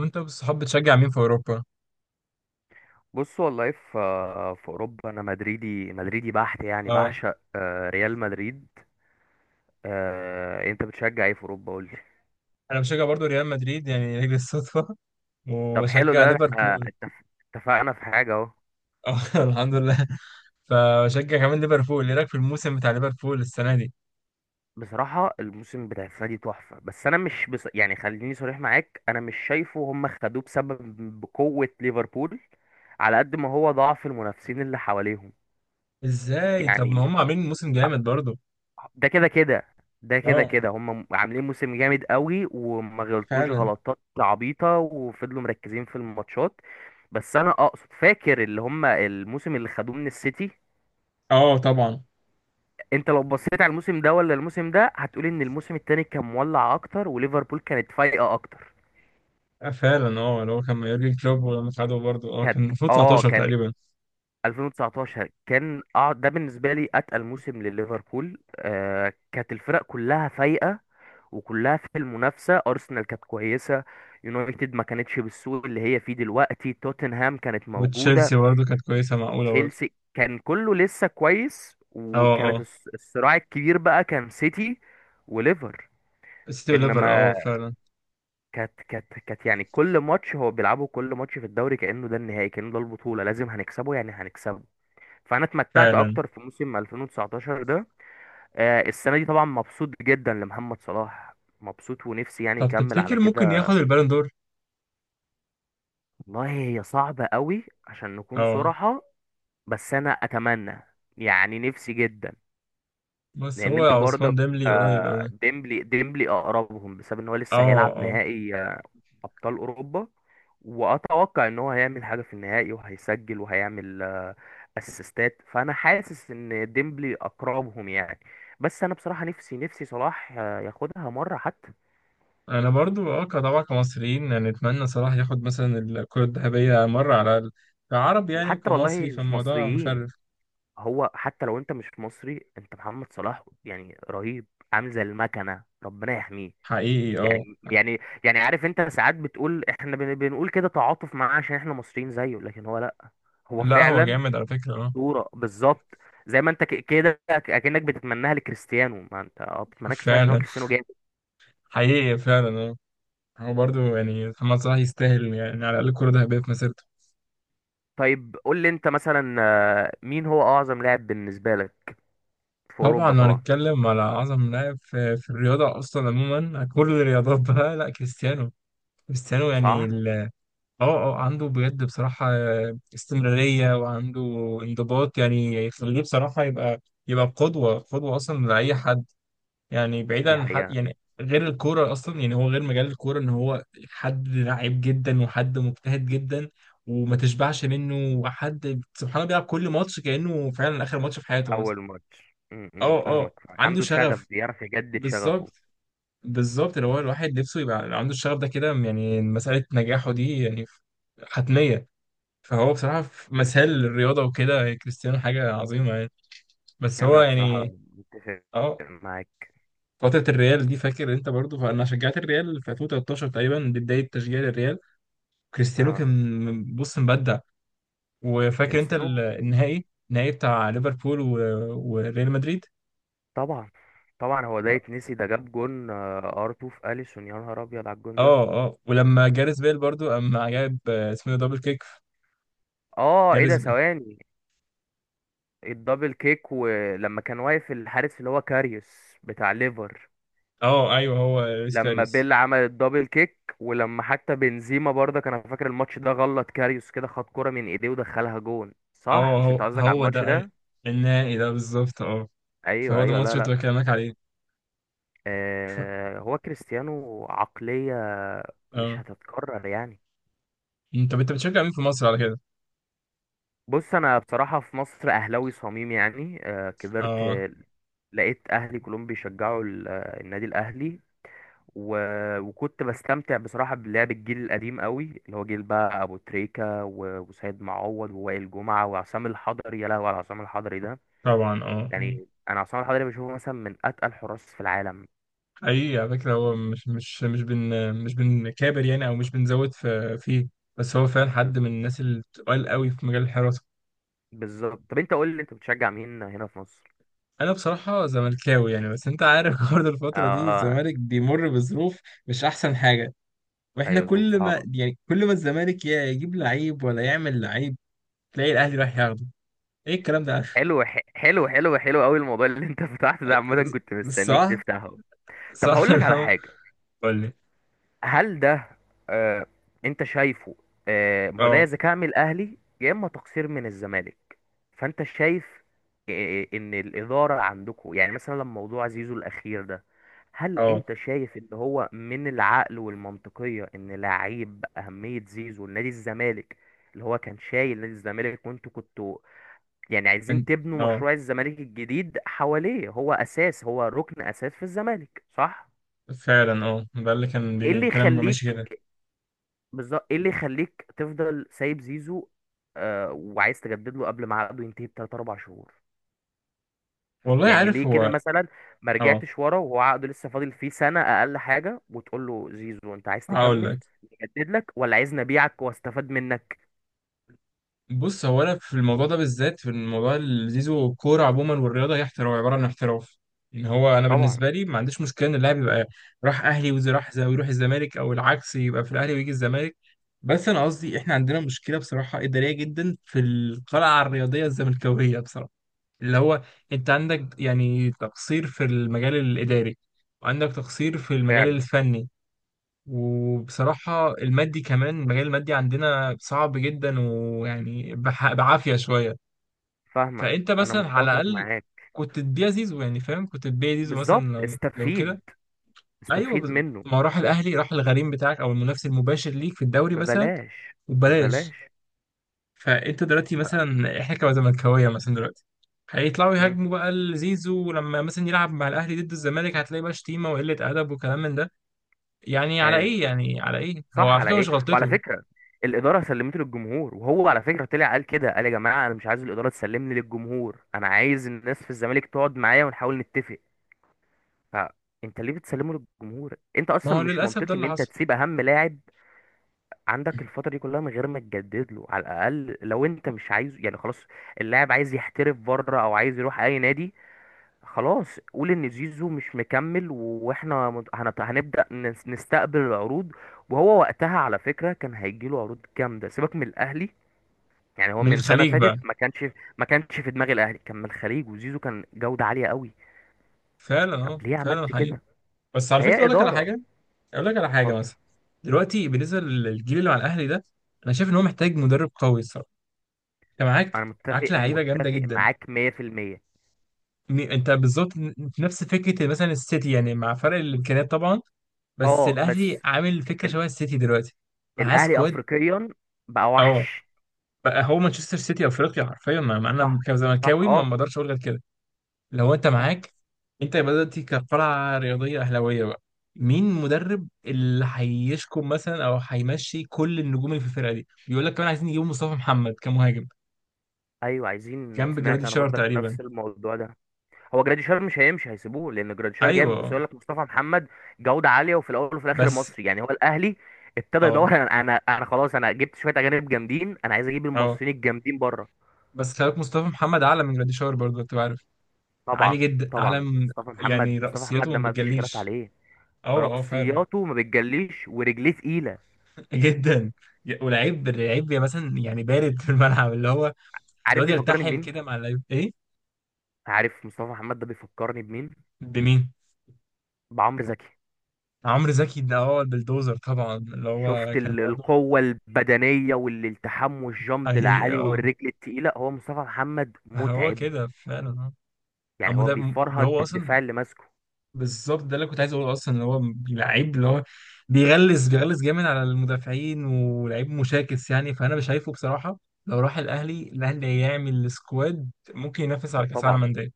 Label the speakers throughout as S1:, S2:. S1: وانت والصحاب بتشجع مين في اوروبا؟
S2: بص، والله في اوروبا انا مدريدي مدريدي بحت، يعني
S1: اه،
S2: بعشق ريال مدريد. انت بتشجع ايه في اوروبا؟ قول لي.
S1: انا بشجع برضو ريال مدريد يعني لاجل الصدفه
S2: طب حلو
S1: وبشجع
S2: ده، احنا
S1: ليفربول.
S2: اتفقنا في حاجه اهو.
S1: اه، الحمد لله. فبشجع كمان ليفربول، ايه رايك في الموسم بتاع ليفربول السنه دي؟
S2: بصراحه الموسم بتاع السنه دي تحفه، بس انا مش يعني خليني صريح معاك، انا مش شايفه هم خدوه بسبب بقوه ليفربول، على قد ما هو ضعف المنافسين اللي حواليهم.
S1: ازاي؟ طب ما
S2: يعني
S1: هم عاملين موسم جامد برضو.
S2: ده كده كده،
S1: اه،
S2: هم عاملين موسم جامد قوي، وما غلطوش
S1: فعلا.
S2: غلطات عبيطة، وفضلوا مركزين في الماتشات. بس انا اقصد، فاكر اللي هم الموسم اللي خدوه من السيتي.
S1: اه، طبعا.
S2: انت لو بصيت على الموسم ده ولا الموسم ده هتقول ان الموسم التاني كان مولع اكتر وليفربول كانت فايقة اكتر.
S1: آه، فعلا، اه اللي هو كان مع يورجن كلوب، ولما خدوا برضو اه
S2: كانت
S1: كان المفروض
S2: اه
S1: 19
S2: كان
S1: تقريبا.
S2: 2019 كان اه ده بالنسبة لي اتقل موسم لليفربول. آه، كانت الفرق كلها فايقة وكلها في المنافسة. أرسنال كانت كويسة، يونايتد ما كانتش بالسوء اللي هي فيه دلوقتي، توتنهام كانت موجودة،
S1: وتشيلسي برضو كانت كويسه، معقوله برضو.
S2: وتشيلسي كان كله لسه كويس.
S1: اه
S2: وكانت
S1: اه،
S2: الصراع الكبير بقى كان سيتي وليفر
S1: السيتي وليفر، اه
S2: انما.
S1: فعلا.
S2: كانت، يعني كل ماتش هو بيلعبه، كل ماتش في الدوري كأنه ده النهائي، كأنه ده البطولة لازم هنكسبه يعني هنكسبه. فانا اتمتعت
S1: فعلا.
S2: اكتر في موسم 2019 ده. السنة دي طبعا مبسوط جدا لمحمد صلاح، مبسوط، ونفسي يعني
S1: طب
S2: يكمل على
S1: تفتكر ممكن
S2: كده.
S1: ياخد البالون دور؟
S2: والله هي صعبة قوي عشان نكون
S1: اه،
S2: صراحة. بس أنا أتمنى، يعني نفسي جدا.
S1: بس
S2: لأن
S1: هو
S2: أنت
S1: عثمان
S2: برضك.
S1: ديملي قريب أوي.
S2: ديمبلي ديمبلي أقربهم بسبب إن هو
S1: اه
S2: لسه هيلعب
S1: اه.
S2: نهائي أبطال أوروبا، وأتوقع إن هو هيعمل حاجة في النهائي وهيسجل وهيعمل أسيستات، فأنا حاسس إن ديمبلي أقربهم يعني. بس أنا بصراحة نفسي نفسي صلاح ياخدها مرة حتى.
S1: انا برضو اه طبعا، كمصريين يعني نتمنى صلاح ياخد مثلا الكرة الذهبية مرة على الأقل، كعرب يعني
S2: وحتى والله
S1: وكمصري،
S2: مش
S1: فالموضوع
S2: مصريين،
S1: مشرف.
S2: هو حتى لو انت مش مصري انت محمد صلاح يعني رهيب. عامل زي المكنه، ربنا يحميه.
S1: حقيقي اه.
S2: يعني يعني يعني عارف، انت ساعات بتقول احنا بنقول كده تعاطف معاه عشان احنا مصريين زيه، لكن هو لا. هو
S1: لا، هو
S2: فعلا
S1: جامد على فكرة اه.
S2: صوره بالظبط. زي ما انت كده اكنك بتتمناها لكريستيانو، ما انت بتتمناها لكريستيانو عشان هو
S1: فعلا،
S2: كريستيانو جامد.
S1: حقيقي، فعلا اه. هو برضو يعني محمد صلاح يستاهل يعني على الأقل كرة ذهبية في مسيرته.
S2: طيب، قول لي انت مثلا مين هو اعظم لاعب بالنسبه لك، في
S1: طبعا
S2: اوروبا
S1: لو
S2: طبعا؟
S1: هنتكلم على أعظم لاعب في الرياضة أصلا عموما كل الرياضات بقى، لا كريستيانو، كريستيانو يعني.
S2: صح.
S1: اه اه، عنده بجد بصراحة استمرارية، وعنده انضباط، يعني يخليه بصراحة يبقى قدوة، قدوة أصلا لأي حد. يعني بعيدا
S2: دي
S1: عن حد
S2: حقيقه.
S1: يعني، غير الكورة أصلا، يعني هو غير مجال الكورة إن هو حد لعيب جدا وحد مجتهد جدا وما تشبعش منه، وحد سبحان الله بيلعب كل ماتش كأنه فعلا آخر ماتش في حياته مثلا.
S2: اول ماتش م- م،
S1: اه
S2: فاهمك،
S1: اه، عنده
S2: عنده شغف
S1: شغف،
S2: بيعرف يجدد شغفه.
S1: بالظبط. بالظبط، اللي هو الواحد نفسه يبقى عنده الشغف ده كده، يعني مسألة نجاحه دي يعني حتمية. فهو بصراحة في مثال للرياضة وكده، كريستيانو حاجة عظيمة يعني. بس هو
S2: انا بصراحه
S1: يعني
S2: متفق
S1: اه
S2: معاك.
S1: فترة الريال دي، فاكر انت برضو، فانا شجعت الريال في 2013 تقريبا، دي بداية تشجيع الريال. كريستيانو
S2: آه،
S1: كان بص مبدع. وفاكر انت
S2: كريستيانو
S1: النهائي بتاع ليفربول و- وريال مدريد.
S2: طبعا. طبعا هو ده يتنسي؟ ده جاب جون ار 2 في اليسون، يا نهار ابيض على الجون ده.
S1: اه اه، ولما جاريث بيل برضو اما جاب آه، اسمه إيه ده، دبل كيك في.
S2: اه ايه ده،
S1: جاريث بيل.
S2: ثواني. الدبل كيك، ولما كان واقف الحارس اللي هو كاريوس بتاع ليفر.
S1: اه ايوه، هو لويس
S2: لما
S1: كاريس.
S2: بيل عمل الدبل كيك، ولما حتى بنزيما برضه كان، أنا فاكر الماتش ده، غلط كاريوس كده، خد كرة من ايديه ودخلها جون.
S1: اه،
S2: صح، مش انت
S1: هو
S2: قصدك على
S1: هو
S2: الماتش
S1: ده
S2: ده؟
S1: النهائي ده بالظبط اه.
S2: ايوه
S1: فهو ده
S2: ايوه،
S1: الماتش
S2: لا
S1: اللي كنت
S2: لا.
S1: بكلمك عليه. ف...
S2: هو كريستيانو عقلية مش
S1: اه.
S2: هتتكرر يعني.
S1: مم، طب انت بتشجع مين في مصر على كده؟
S2: بص انا بصراحة في مصر اهلاوي صميم، يعني كبرت
S1: اه
S2: لقيت اهلي كلهم بيشجعوا النادي الاهلي. وكنت بستمتع بصراحة بلعب الجيل القديم قوي، اللي هو جيل بقى ابو تريكة وسيد معوض ووائل جمعة وعصام الحضري. يا لهوي على عصام الحضري ده!
S1: طبعا اه آه.
S2: يعني انا عصام الحضري بشوفه مثلا من اتقل حراس في العالم.
S1: حقيقي على فكرة، هو مش بنكابر يعني او مش بنزود في فيه، بس هو فعلا
S2: بز-
S1: حد من الناس اللي بتقال قوي في مجال الحراسة.
S2: بالظبط. طب انت قول لي، انت بتشجع مين هنا في مصر؟
S1: انا بصراحة زملكاوي يعني، بس انت عارف برضه الفترة دي
S2: آه.
S1: الزمالك بيمر بظروف مش احسن حاجة. واحنا
S2: ايوه، ظروف
S1: كل ما
S2: صعبة.
S1: يعني كل ما الزمالك يا يجيب لعيب ولا يعمل لعيب، تلاقي الاهلي رايح ياخده. ايه الكلام ده.
S2: حلو، حلو حلو حلو قوي الموضوع اللي انت فتحته ده، عامة كنت مستنيك
S1: صح،
S2: تفتحه. طب
S1: صح.
S2: هقول لك
S1: اللي
S2: على
S1: هو
S2: حاجة.
S1: قول لي.
S2: هل ده، آه، انت شايفه؟ آه، ما هو ده يا
S1: اه
S2: ذكاء من الاهلي يا اما تقصير من الزمالك. فانت شايف ان الإدارة عندكم، يعني مثلا لما موضوع زيزو الأخير ده، هل
S1: اه.
S2: انت شايف ان هو من العقل والمنطقية ان لعيب بأهمية زيزو لنادي الزمالك، اللي هو كان شايل نادي الزمالك، وانتوا كنتوا يعني عايزين
S1: أنت-
S2: تبنوا
S1: اه
S2: مشروع الزمالك الجديد حواليه، هو اساس، هو ركن اساس في الزمالك، صح؟
S1: فعلا اه، ده اللي كان
S2: ايه اللي
S1: بيتكلم، ماشي
S2: يخليك،
S1: كده.
S2: بالظبط، ايه اللي يخليك تفضل سايب زيزو آه وعايز تجدد له قبل ما عقده ينتهي بتلات اربع شهور؟
S1: والله
S2: يعني ليه
S1: عارف
S2: كده
S1: هو.
S2: مثلا؟ ما
S1: اه،
S2: رجعتش ورا وهو عقده لسه فاضل فيه سنة اقل حاجة وتقول له زيزو انت عايز
S1: هقول
S2: تكمل
S1: لك.
S2: نجدد لك، ولا عايز نبيعك واستفاد منك؟
S1: بص، هو انا في الموضوع ده بالذات، في الموضوع اللي زيزو، الكوره عموما والرياضه هي احتراف، عباره عن احتراف. ان هو انا
S2: طبعا.
S1: بالنسبه لي ما عنديش مشكله ان اللاعب يبقى راح اهلي، وزي راح زي ويروح الزمالك، او العكس يبقى في الاهلي ويجي الزمالك. بس انا قصدي احنا عندنا مشكله بصراحه اداريه جدا في القلعه الرياضيه الزملكاويه بصراحه، اللي هو انت عندك يعني تقصير في المجال الاداري، وعندك تقصير في المجال
S2: فعلا.
S1: الفني. وبصراحة المادي كمان، المجال المادي عندنا صعب جدا، ويعني بعافية شوية.
S2: فاهمك.
S1: فأنت
S2: انا
S1: مثلا على
S2: متفق
S1: الأقل
S2: معاك
S1: كنت تبيع زيزو يعني، فاهم، كنت تبيع زيزو مثلا
S2: بالظبط.
S1: لو لو
S2: استفيد،
S1: كده. أيوه
S2: استفيد منه.
S1: ما هو راح الأهلي، راح الغريم بتاعك أو المنافس المباشر ليك في الدوري مثلا،
S2: ببلاش
S1: وببلاش.
S2: ببلاش.
S1: فأنت دلوقتي
S2: ف-
S1: مثلا، إحنا كزملكاوية مثلا دلوقتي، هيطلعوا
S2: مم.
S1: يهاجموا بقى لزيزو، ولما مثلا يلعب مع الأهلي ضد الزمالك هتلاقي بقى شتيمة وقلة أدب وكلام من ده. يعني على
S2: ايوه
S1: إيه؟ يعني على إيه؟ هو
S2: صح،
S1: على
S2: على
S1: فكرة
S2: ايه،
S1: مش
S2: وعلى
S1: غلطته.
S2: فكره الاداره سلمته للجمهور. وهو على فكره طلع قال كده، قال: يا جماعه انا مش عايز الاداره تسلمني للجمهور، انا عايز الناس في الزمالك تقعد معايا ونحاول نتفق. فانت ليه بتسلمه للجمهور؟ انت
S1: ما
S2: اصلا
S1: هو
S2: مش
S1: للأسف ده
S2: منطقي ان
S1: اللي
S2: انت
S1: حصل.
S2: تسيب اهم لاعب عندك الفتره دي كلها من غير ما تجدد له. على الاقل، لو انت مش عايز يعني خلاص، اللاعب عايز يحترف بره او عايز يروح اي نادي، خلاص قول ان زيزو مش مكمل واحنا هنبدأ نستقبل العروض. وهو وقتها على فكرة كان هيجيله عروض جامدة، سيبك من الاهلي، يعني هو
S1: من
S2: من سنة
S1: الخليج
S2: فاتت
S1: بقى.
S2: ما كانش في دماغ الاهلي، كان من الخليج، وزيزو كان جودة عالية قوي.
S1: فعلا اه،
S2: طب ليه
S1: فعلا
S2: عملت
S1: حقيقي.
S2: كده؟
S1: بس على فكرة
S2: فهي
S1: أقول لك على
S2: إدارة.
S1: حاجة، أقول لك على حاجة
S2: اتفضل.
S1: مثلا، دلوقتي بالنسبة للجيل اللي مع الأهلي ده، أنا شايف إن هو محتاج مدرب قوي الصراحة. أنت معاك
S2: انا
S1: معاك
S2: متفق
S1: لعيبة جامدة
S2: متفق
S1: جدا.
S2: معاك 100%.
S1: أنت بالظبط نفس فكرة مثلا السيتي، يعني مع فرق الإمكانيات طبعا، بس
S2: اه،
S1: الأهلي
S2: بس
S1: عامل فكرة
S2: ال-
S1: شبه السيتي دلوقتي. معاه
S2: الاهلي
S1: سكواد.
S2: افريقيا بقى
S1: أه،
S2: وحش.
S1: بقى هو مانشستر سيتي أفريقيا حرفيا. ما أنا
S2: صح صح
S1: كزملكاوي ما
S2: اه
S1: بقدرش أقول غير كده. لو انت
S2: صح.
S1: معاك، انت يبقى دلوقتي كقلعة رياضية أهلاوية بقى، مين مدرب اللي هيشكم مثلا او هيمشي كل النجوم اللي في الفرقة دي؟ بيقول لك كمان عايزين يجيبوا مصطفى محمد كمهاجم
S2: ايوه عايزين،
S1: جنب
S2: سمعت
S1: جرادي
S2: انا
S1: شار
S2: برضك
S1: تقريبا.
S2: نفس الموضوع ده. هو جراديشار مش هيمشي، هيسيبوه لان جراديشار جامد، بس
S1: ايوه.
S2: يقول لك مصطفى محمد جوده عاليه، وفي الاول وفي الاخر
S1: بس
S2: مصري. يعني هو الاهلي ابتدى
S1: اه
S2: يدور، انا خلاص انا جبت شويه اجانب جامدين، انا عايز اجيب
S1: اه،
S2: المصريين الجامدين بره.
S1: بس خلي بالك مصطفى محمد اعلى من جرادي شار برضه، انت عارف، عالي
S2: طبعا.
S1: جدا، اعلى
S2: طبعا
S1: من
S2: مصطفى محمد،
S1: يعني.
S2: مصطفى محمد
S1: رأسياته
S2: ده
S1: ما
S2: ما فيش خلاف
S1: بتجليش.
S2: عليه.
S1: اه اه فعلا.
S2: رأسياته ما بتجليش ورجليه تقيله.
S1: جدا. ولعيب، لعيب مثلا يعني بارد في الملعب، اللي هو
S2: عارف
S1: بيقعد
S2: بيفكرني
S1: يلتحم
S2: بمين؟
S1: كده مع اللعيب، ايه.
S2: عارف مصطفى محمد ده بيفكرني بمين؟
S1: بمين.
S2: بعمرو زكي.
S1: عمرو زكي ده هو البلدوزر طبعا، اللي هو
S2: شفت
S1: كان برضه.
S2: القوة البدنية والالتحام والجامب
S1: حقيقي
S2: العالي
S1: اه،
S2: والرجل التقيلة؟ هو مصطفى محمد
S1: هو
S2: متعب،
S1: كده فعلا اه.
S2: يعني
S1: أما
S2: هو
S1: ده،
S2: بيفرهد
S1: هو اصلا
S2: الدفاع اللي ماسكه.
S1: بالظبط ده اللي كنت عايز اقوله اصلا، اللي هو لعيب، اللي هو بيغلس، بيغلس جامد على المدافعين، ولعيب مشاكس يعني. فانا مش شايفه بصراحه، لو راح الاهلي، الاهلي هيعمل سكواد ممكن ينافس على كاس عالم
S2: طبعا
S1: انديه.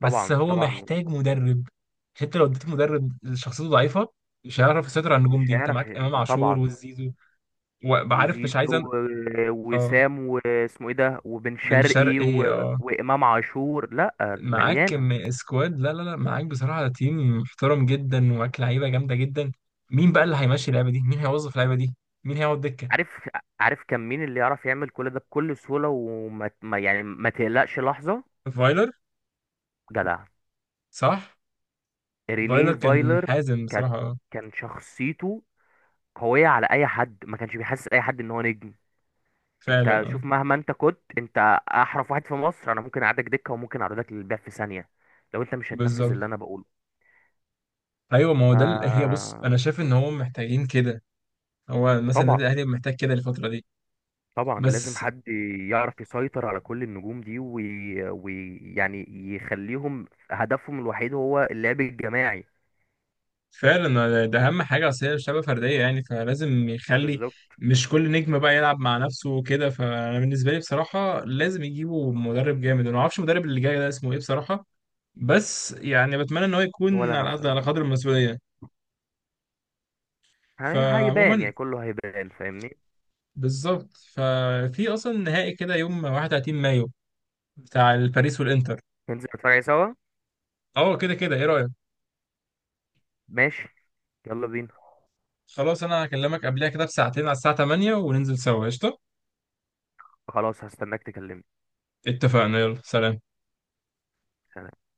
S1: بس
S2: طبعا
S1: هو
S2: طبعا
S1: محتاج مدرب، عشان انت لو اديت مدرب شخصيته ضعيفه، مش هيعرف يسيطر على النجوم
S2: مش
S1: دي. انت
S2: هيعرف.
S1: معاك امام عاشور
S2: طبعا.
S1: والزيزو، وعارف، مش
S2: وزيزو
S1: عايز اه،
S2: وسام واسمه ايه ده وبن
S1: بن
S2: شرقي
S1: شرقي اه.
S2: وامام عاشور. لا،
S1: معاك
S2: مليانه.
S1: كم سكواد، لا لا لا، معاك بصراحة تيم محترم جدا، ومعاك لعيبة جامدة جدا. مين بقى اللي هيمشي اللعبة دي؟ مين هيوظف اللعبة دي؟ مين هيقعد دكة؟
S2: عارف، عارف كان مين اللي يعرف يعمل كل ده بكل سهوله، وما ما- يعني ما تقلقش لحظه.
S1: فايلر.
S2: جدع.
S1: صح. فايلر
S2: رينيه
S1: كان
S2: فايلر.
S1: حازم
S2: كانت
S1: بصراحة اه.
S2: كان شخصيته قويه على اي حد، ما كانش بيحسس اي حد ان هو نجم. انت
S1: فعلا اه،
S2: شوف، مهما انت كنت، انت احرف واحد في مصر، انا ممكن اعدك دكه وممكن اعرضك للبيع في ثانيه لو انت مش هتنفذ
S1: بالظبط.
S2: اللي انا بقوله.
S1: ايوه، ما هو
S2: ف
S1: ده هي، بص انا شايف ان هو محتاجين كده. هو مثلا
S2: طبعا.
S1: النادي الاهلي محتاج كده الفترة دي.
S2: طبعا لازم
S1: بس
S2: حد يعرف يسيطر على كل النجوم دي ويعني يعني يخليهم هدفهم الوحيد هو اللعب الجماعي.
S1: فعلا ده اهم حاجه، اصل هي شبه فرديه يعني، فلازم يخلي،
S2: بالظبط.
S1: مش كل نجم بقى يلعب مع نفسه وكده. فانا بالنسبه لي بصراحه لازم يجيبوا مدرب جامد. انا ما اعرفش المدرب اللي جاي ده اسمه ايه بصراحه، بس يعني بتمنى ان هو
S2: ولا
S1: يكون
S2: انا
S1: على قد، على
S2: بصراحه،
S1: قدر المسؤوليه.
S2: هيبان،
S1: فعموما،
S2: يعني كله هيبان، فاهمني.
S1: بالظبط، ففي اصلا نهائي كده يوم 31 مايو بتاع الباريس والانتر.
S2: ننزل نتفرج عليه سوا.
S1: اه كده كده، ايه رايك.
S2: ماشي، يلا بينا.
S1: خلاص، انا هكلمك قبلها كده بساعتين على الساعه 8 وننزل سوا قشطه.
S2: خلاص هستناك تكلمني.
S1: اتفقنا، يلا سلام.
S2: سلام.